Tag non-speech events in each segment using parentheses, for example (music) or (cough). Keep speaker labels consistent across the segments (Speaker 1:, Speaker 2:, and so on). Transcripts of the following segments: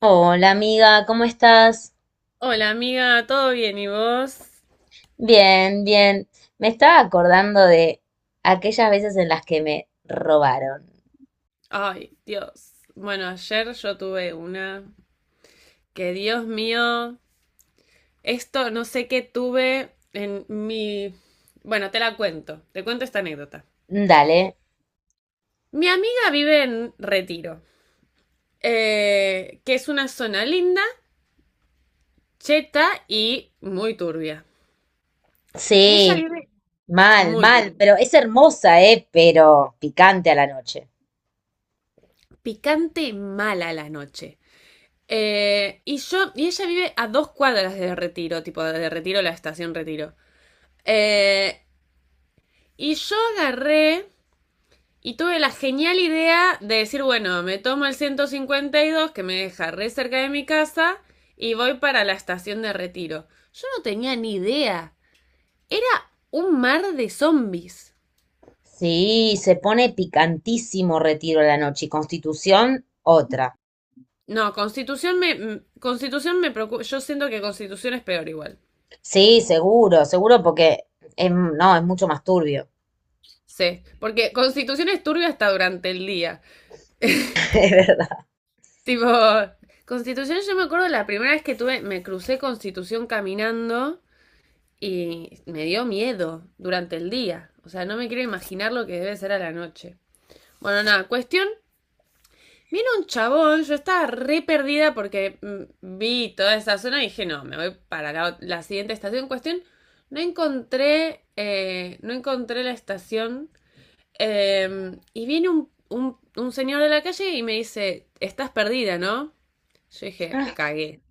Speaker 1: Hola amiga, ¿cómo estás?
Speaker 2: Hola amiga, ¿todo bien? ¿Y vos?
Speaker 1: Bien, bien. Me estaba acordando de aquellas veces en las que me robaron.
Speaker 2: Ay, Dios. Bueno, ayer yo tuve una que, Dios mío, esto no sé qué tuve en mi... Bueno, te cuento esta anécdota.
Speaker 1: Dale.
Speaker 2: Mi amiga vive en Retiro, que es una zona linda, cheta y muy turbia. Y ella
Speaker 1: Sí,
Speaker 2: vive
Speaker 1: mal,
Speaker 2: muy
Speaker 1: mal,
Speaker 2: turbia,
Speaker 1: pero es hermosa, ¿eh? Pero picante a la noche.
Speaker 2: picante mala a la noche. Y ella vive a dos cuadras de Retiro, tipo de Retiro, la estación Retiro. Eh, y yo agarré y tuve la genial idea de decir, bueno, me tomo el 152 que me deja re cerca de mi casa y voy para la estación de Retiro. Yo no tenía ni idea. Era un mar de zombies.
Speaker 1: Sí, se pone picantísimo Retiro a la noche y Constitución otra.
Speaker 2: No, Constitución me. Constitución me preocupa. Yo siento que Constitución es peor igual.
Speaker 1: Sí, seguro, seguro porque no, es mucho más turbio.
Speaker 2: Sí. Porque Constitución es turbia hasta durante el día.
Speaker 1: (laughs) Es verdad.
Speaker 2: Tipo. Constitución, yo me acuerdo la primera vez que tuve. Me crucé Constitución caminando. Y me dio miedo durante el día. O sea, no me quiero imaginar lo que debe ser a la noche. Bueno, nada, cuestión. Viene un chabón, yo estaba re perdida porque vi toda esa zona y dije, no, me voy para la siguiente estación. Cuestión, no encontré la estación. Y viene un señor de la calle y me dice, estás perdida, ¿no? Yo dije, cagué.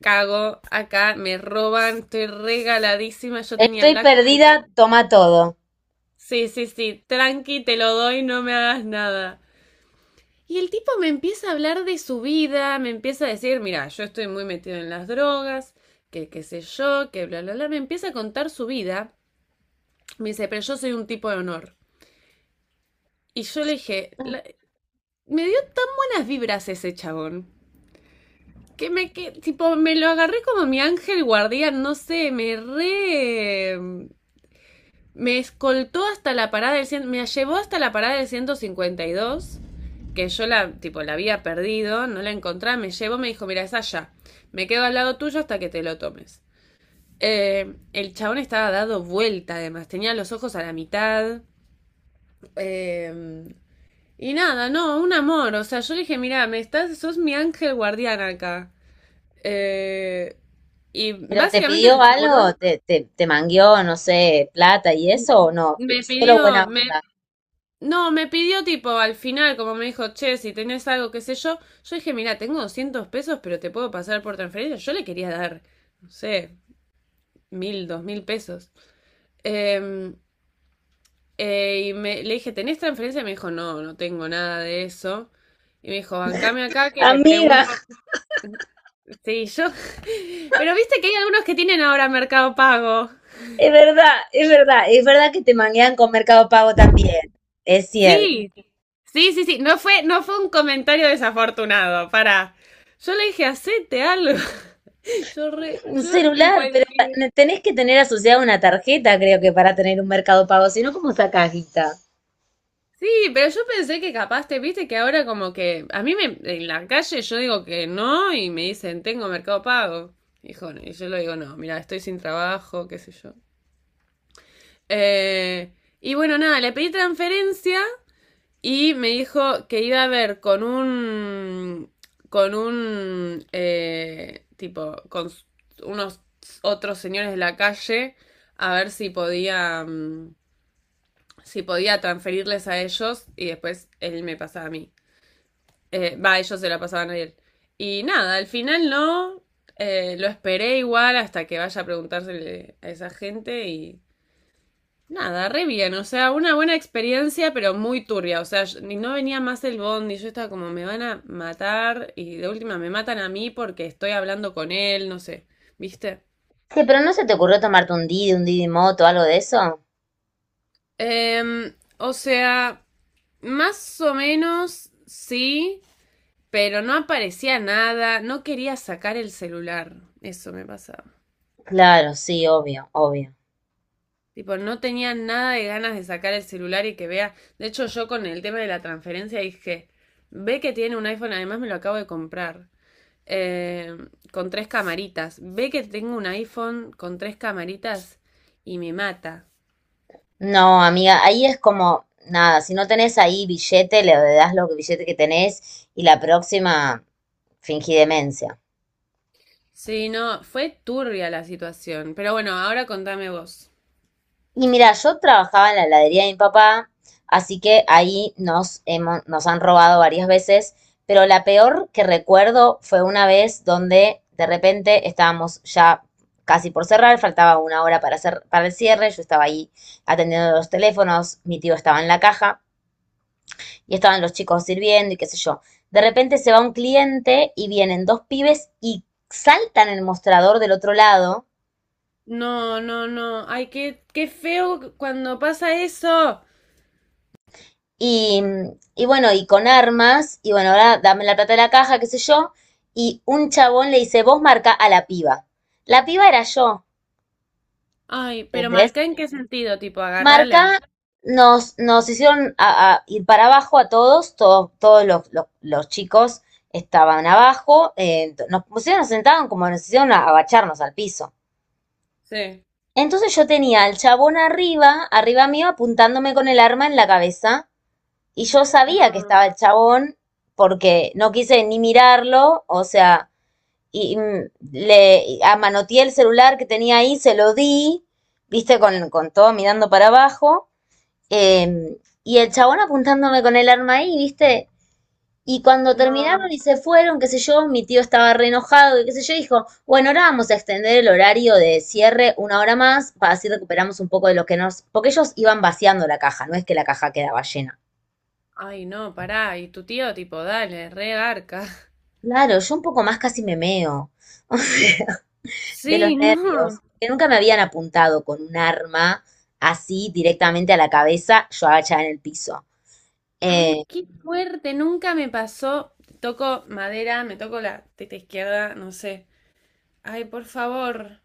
Speaker 2: Cago, acá me roban, estoy regaladísima. Yo tenía
Speaker 1: Estoy
Speaker 2: la computadora.
Speaker 1: perdida, toma todo.
Speaker 2: Sí, sí, sí, tranqui, te lo doy, no me hagas nada. Y el tipo me empieza a hablar de su vida, me empieza a decir, mira, yo estoy muy metido en las drogas, que qué sé yo, que bla, bla, bla, me empieza a contar su vida. Me dice, pero yo soy un tipo de honor. Y yo le dije, me dio tan buenas vibras ese chabón, que tipo, me lo agarré como mi ángel guardián, no sé, me re... Me escoltó hasta la parada del... Me llevó hasta la parada del 152, que yo la, tipo, la había perdido, no la encontraba, me llevó, me dijo, mira, es allá. Me quedo al lado tuyo hasta que te lo tomes. El chabón estaba dado vuelta, además, tenía los ojos a la mitad. Eh, y nada, no, un amor. O sea, yo le dije, mira, me estás, sos mi ángel guardián acá. Eh, y
Speaker 1: ¿Pero te
Speaker 2: básicamente se
Speaker 1: pidió
Speaker 2: aseguró.
Speaker 1: algo? ¿Te mangueó, no sé, plata y eso o no?
Speaker 2: Me
Speaker 1: Solo buena
Speaker 2: pidió, me,
Speaker 1: onda.
Speaker 2: No, me pidió tipo al final, como me dijo, che, si tenés algo, qué sé yo. Yo dije, mira, tengo 200 pesos, pero te puedo pasar por transferencia. Yo le quería dar, no sé, 1000, 2000 pesos. Em, y le dije, ¿tenés transferencia? Y me dijo, no, no tengo nada de eso. Y me dijo, bancame acá que le
Speaker 1: Amiga,
Speaker 2: pregunto. Sí, yo. (laughs) Pero viste que hay algunos que tienen ahora Mercado Pago.
Speaker 1: es verdad, es verdad, es verdad que te manguean con Mercado Pago también. Es cierto.
Speaker 2: Sí, sí, sí, sí. No fue un comentario desafortunado. Para. Yo le dije, hacete algo. (laughs) Yo, re-
Speaker 1: Un
Speaker 2: yo en
Speaker 1: celular, pero
Speaker 2: cualquier...
Speaker 1: tenés que tener asociada una tarjeta, creo que, para tener un Mercado Pago, si no, ¿cómo sacás guita?
Speaker 2: Sí, pero yo pensé que capaz te viste que ahora como que a mí me, en la calle yo digo que no y me dicen tengo Mercado Pago. Hijo, y yo le digo no, mira, estoy sin trabajo, qué sé yo. Eh, y bueno, nada, le pedí transferencia y me dijo que iba a ver con un con un eh, tipo con s- unos otros señores de la calle a ver si podía transferirles a ellos y después él me pasaba a mí. Ellos se la pasaban a él. Y nada, al final no. Lo esperé igual hasta que vaya a preguntársele a esa gente y nada, re bien. O sea, una buena experiencia, pero muy turbia. O sea, ni no venía más el bondi. Yo estaba como, me van a matar y de última me matan a mí porque estoy hablando con él, no sé. ¿Viste?
Speaker 1: Che, pero ¿no se te ocurrió tomarte un Didi Moto, algo de eso?
Speaker 2: O sea, más o menos sí. Pero no aparecía nada, no quería sacar el celular. Eso me pasaba.
Speaker 1: Claro, sí, obvio, obvio.
Speaker 2: Tipo, no tenía nada de ganas de sacar el celular y que vea. De hecho, yo con el tema de la transferencia dije, ve que tiene un iPhone, además me lo acabo de comprar. eh, con tres camaritas. Ve que tengo un iPhone con tres camaritas y me mata.
Speaker 1: No, amiga, ahí es como, nada, si no tenés ahí billete, le das los billete que tenés y la próxima fingí demencia.
Speaker 2: Sí, no, fue turbia la situación. Pero bueno, ahora contame vos.
Speaker 1: Y mira, yo trabajaba en la heladería de mi papá, así que ahí nos han robado varias veces, pero la peor que recuerdo fue una vez donde de repente estábamos ya casi por cerrar, faltaba una hora para para el cierre, yo estaba ahí atendiendo los teléfonos, mi tío estaba en la caja, y estaban los chicos sirviendo y qué sé yo. De repente se va un cliente y vienen dos pibes y saltan el mostrador del otro lado
Speaker 2: No, no, no. Ay, qué feo cuando pasa eso.
Speaker 1: y, y bueno, y con armas, y bueno, ahora dame la plata de la caja, qué sé yo, y un chabón le dice, vos marca a la piba. La piba era yo,
Speaker 2: Ay, pero
Speaker 1: ¿entendés?
Speaker 2: marca en qué sentido, tipo, agárrala.
Speaker 1: Marca, nos hicieron a ir para abajo a todos, todos, todos los, los chicos estaban abajo, nos sentaban como nos hicieron agacharnos al piso.
Speaker 2: Sí.
Speaker 1: Entonces yo tenía al chabón arriba, arriba mío, apuntándome con el arma en la cabeza. Y yo sabía que estaba
Speaker 2: No,
Speaker 1: el chabón porque no quise ni mirarlo, o sea, y, mm, le y amanoteé el celular que tenía ahí, se lo di, viste, con todo mirando para abajo. Y el chabón apuntándome con el arma ahí, viste. Y cuando terminaron
Speaker 2: no.
Speaker 1: y se fueron, qué sé yo, mi tío estaba re enojado, y qué sé yo, dijo, bueno, ahora vamos a extender el horario de cierre una hora más para así recuperamos un poco de lo que nos... Porque ellos iban vaciando la caja, no es que la caja quedaba llena.
Speaker 2: Ay, no, pará. Y tu tío, tipo, dale, re garca.
Speaker 1: Claro, yo un poco más casi me meo, (laughs) o sea, de los
Speaker 2: Sí, (laughs)
Speaker 1: nervios,
Speaker 2: no.
Speaker 1: que nunca me habían apuntado con un arma así directamente a la cabeza, yo agachada en el piso.
Speaker 2: Ay,
Speaker 1: Eh,
Speaker 2: qué fuerte. Nunca me pasó. Toco madera, me toco la teta izquierda, no sé. Ay, por favor.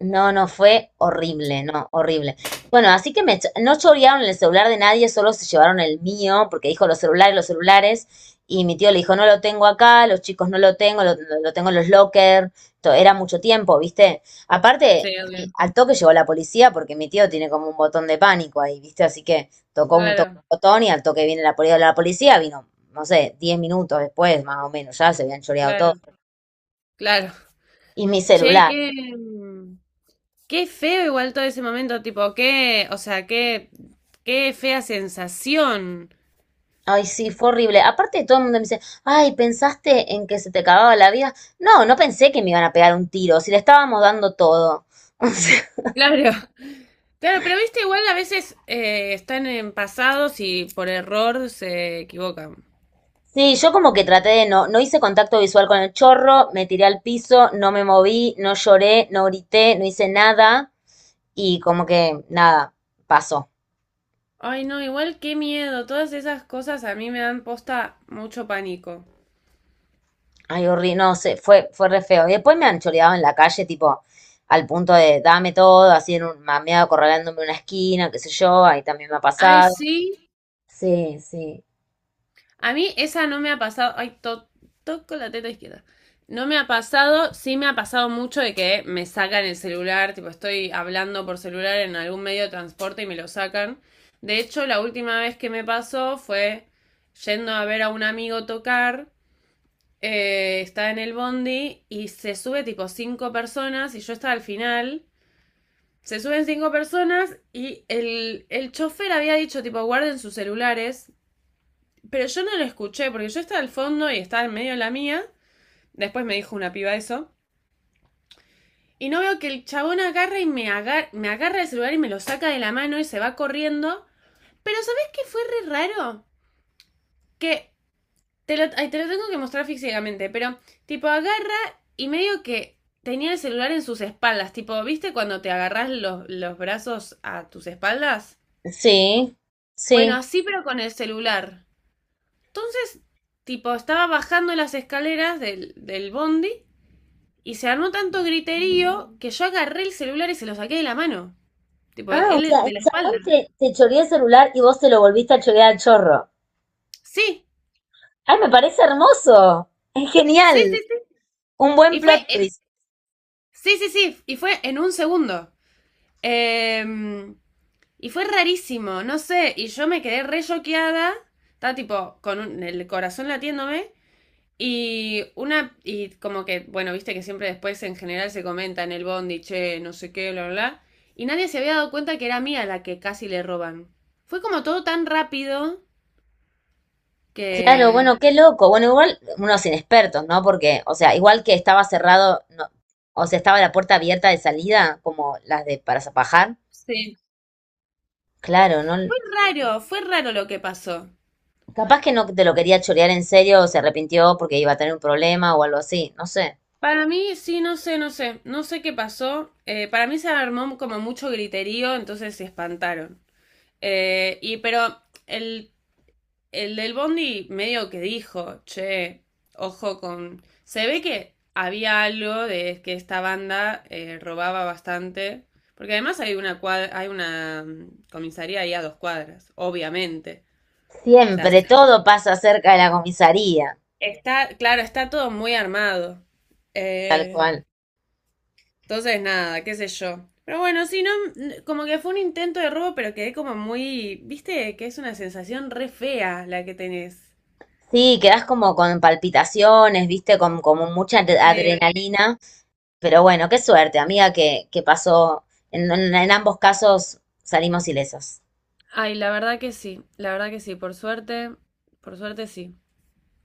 Speaker 1: No, no, fue horrible, no, horrible. Bueno, así que no chorearon el celular de nadie, solo se llevaron el mío, porque dijo los celulares, y mi tío le dijo, no lo tengo acá, los chicos no lo tengo, lo tengo en los lockers, era mucho tiempo, ¿viste? Aparte,
Speaker 2: Sí,
Speaker 1: sí,
Speaker 2: obvio.
Speaker 1: al toque llegó la policía, porque mi tío tiene como un botón de pánico ahí, ¿viste? Así que tocó un
Speaker 2: Claro,
Speaker 1: botón y al toque viene la policía vino, no sé, 10 minutos después, más o menos, ya se habían choreado todo.
Speaker 2: claro, claro.
Speaker 1: Y mi
Speaker 2: Che,
Speaker 1: celular.
Speaker 2: qué feo igual todo ese momento, tipo, qué, o sea, qué, qué fea sensación.
Speaker 1: Ay, sí, fue horrible. Aparte, todo el mundo me dice, ay, ¿pensaste en que se te acababa la vida? No, no pensé que me iban a pegar un tiro, si le estábamos dando todo. (laughs) O sea,
Speaker 2: Claro. Claro, pero viste, igual a veces están en pasados y por error se equivocan.
Speaker 1: sí, yo como que traté de no hice contacto visual con el chorro, me tiré al piso, no me moví, no lloré, no grité, no hice nada y como que nada, pasó.
Speaker 2: Ay, no, igual qué miedo. Todas esas cosas a mí me dan posta mucho pánico.
Speaker 1: Ay, horrible, no sé, fue re feo. Y después me han choreado en la calle, tipo, al punto de dame todo, así en un mameado acorralándome en una esquina, qué sé yo, ahí también me ha
Speaker 2: Ay,
Speaker 1: pasado.
Speaker 2: sí.
Speaker 1: Sí, sí.
Speaker 2: A mí esa no me ha pasado. Ay, toco la teta izquierda. No me ha pasado, sí me ha pasado mucho de que me sacan el celular, tipo estoy hablando por celular en algún medio de transporte y me lo sacan. De hecho, la última vez que me pasó fue yendo a ver a un amigo tocar. Está en el bondi y se sube tipo cinco personas y yo estaba al final. Se suben cinco personas y el chofer había dicho tipo guarden sus celulares, pero yo no lo escuché porque yo estaba al fondo y estaba en medio de la mía. Después me dijo una piba eso. Y no veo que el chabón agarra y me agarra el celular y me lo saca de la mano y se va corriendo. Pero ¿sabés qué fue re raro? Que... Ay, te lo tengo que mostrar físicamente, pero tipo agarra y medio que tenía el celular en sus espaldas, tipo, ¿viste cuando te agarras los brazos a tus espaldas?
Speaker 1: Sí,
Speaker 2: Bueno,
Speaker 1: sí.
Speaker 2: así pero con el celular. Entonces, tipo, estaba bajando las escaleras del bondi y se armó tanto griterío que yo agarré el celular y se lo saqué de la mano. Tipo,
Speaker 1: Ah, o
Speaker 2: él
Speaker 1: sea,
Speaker 2: de
Speaker 1: el
Speaker 2: la
Speaker 1: chabón
Speaker 2: espalda.
Speaker 1: te choreó el celular y vos te lo volviste a chorear al chorro.
Speaker 2: Sí,
Speaker 1: Ay, me parece hermoso. Es
Speaker 2: sí,
Speaker 1: genial.
Speaker 2: sí, sí.
Speaker 1: Un buen
Speaker 2: Y fue,
Speaker 1: plot
Speaker 2: en-
Speaker 1: twist.
Speaker 2: sí, sí, sí. Y fue en un segundo. Em, Y fue rarísimo, no sé, y yo me quedé re choqueada, estaba tipo con el corazón latiéndome y una y como que, bueno, viste que siempre después en general se comenta en el bondi, che, no sé qué, bla, bla, bla, y nadie se había dado cuenta que era mía la que casi le roban. Fue como todo tan rápido
Speaker 1: Claro,
Speaker 2: que...
Speaker 1: bueno, qué loco. Bueno, igual unos inexpertos, ¿no? Porque, o sea, igual que estaba cerrado, o sea, estaba la puerta abierta de salida, como las de para zapajar.
Speaker 2: Sí.
Speaker 1: Claro, ¿no?
Speaker 2: Fue raro lo que pasó.
Speaker 1: Capaz que no te lo quería chorear en serio o se arrepintió porque iba a tener un problema o algo así, no sé.
Speaker 2: Para mí, sí, no sé qué pasó. Para mí se armó como mucho griterío, entonces se espantaron. Y pero el del Bondi medio que dijo, che, ojo con... Se ve que había algo de que esta banda robaba bastante, porque además hay una comisaría ahí a dos cuadras, obviamente. O sea,
Speaker 1: Siempre todo pasa cerca de la comisaría,
Speaker 2: está, claro, está todo muy armado.
Speaker 1: tal
Speaker 2: Eh,
Speaker 1: cual.
Speaker 2: entonces, nada, qué sé yo. Pero bueno, sí no, como que fue un intento de robo, pero quedé como muy, viste, que es una sensación re fea la que tenés.
Speaker 1: Sí, quedás como con palpitaciones, viste, con como mucha
Speaker 2: Sí.
Speaker 1: adrenalina, pero bueno, qué suerte, amiga, que pasó. En ambos casos salimos ilesas.
Speaker 2: Ay, la verdad que sí, la verdad que sí, por suerte sí.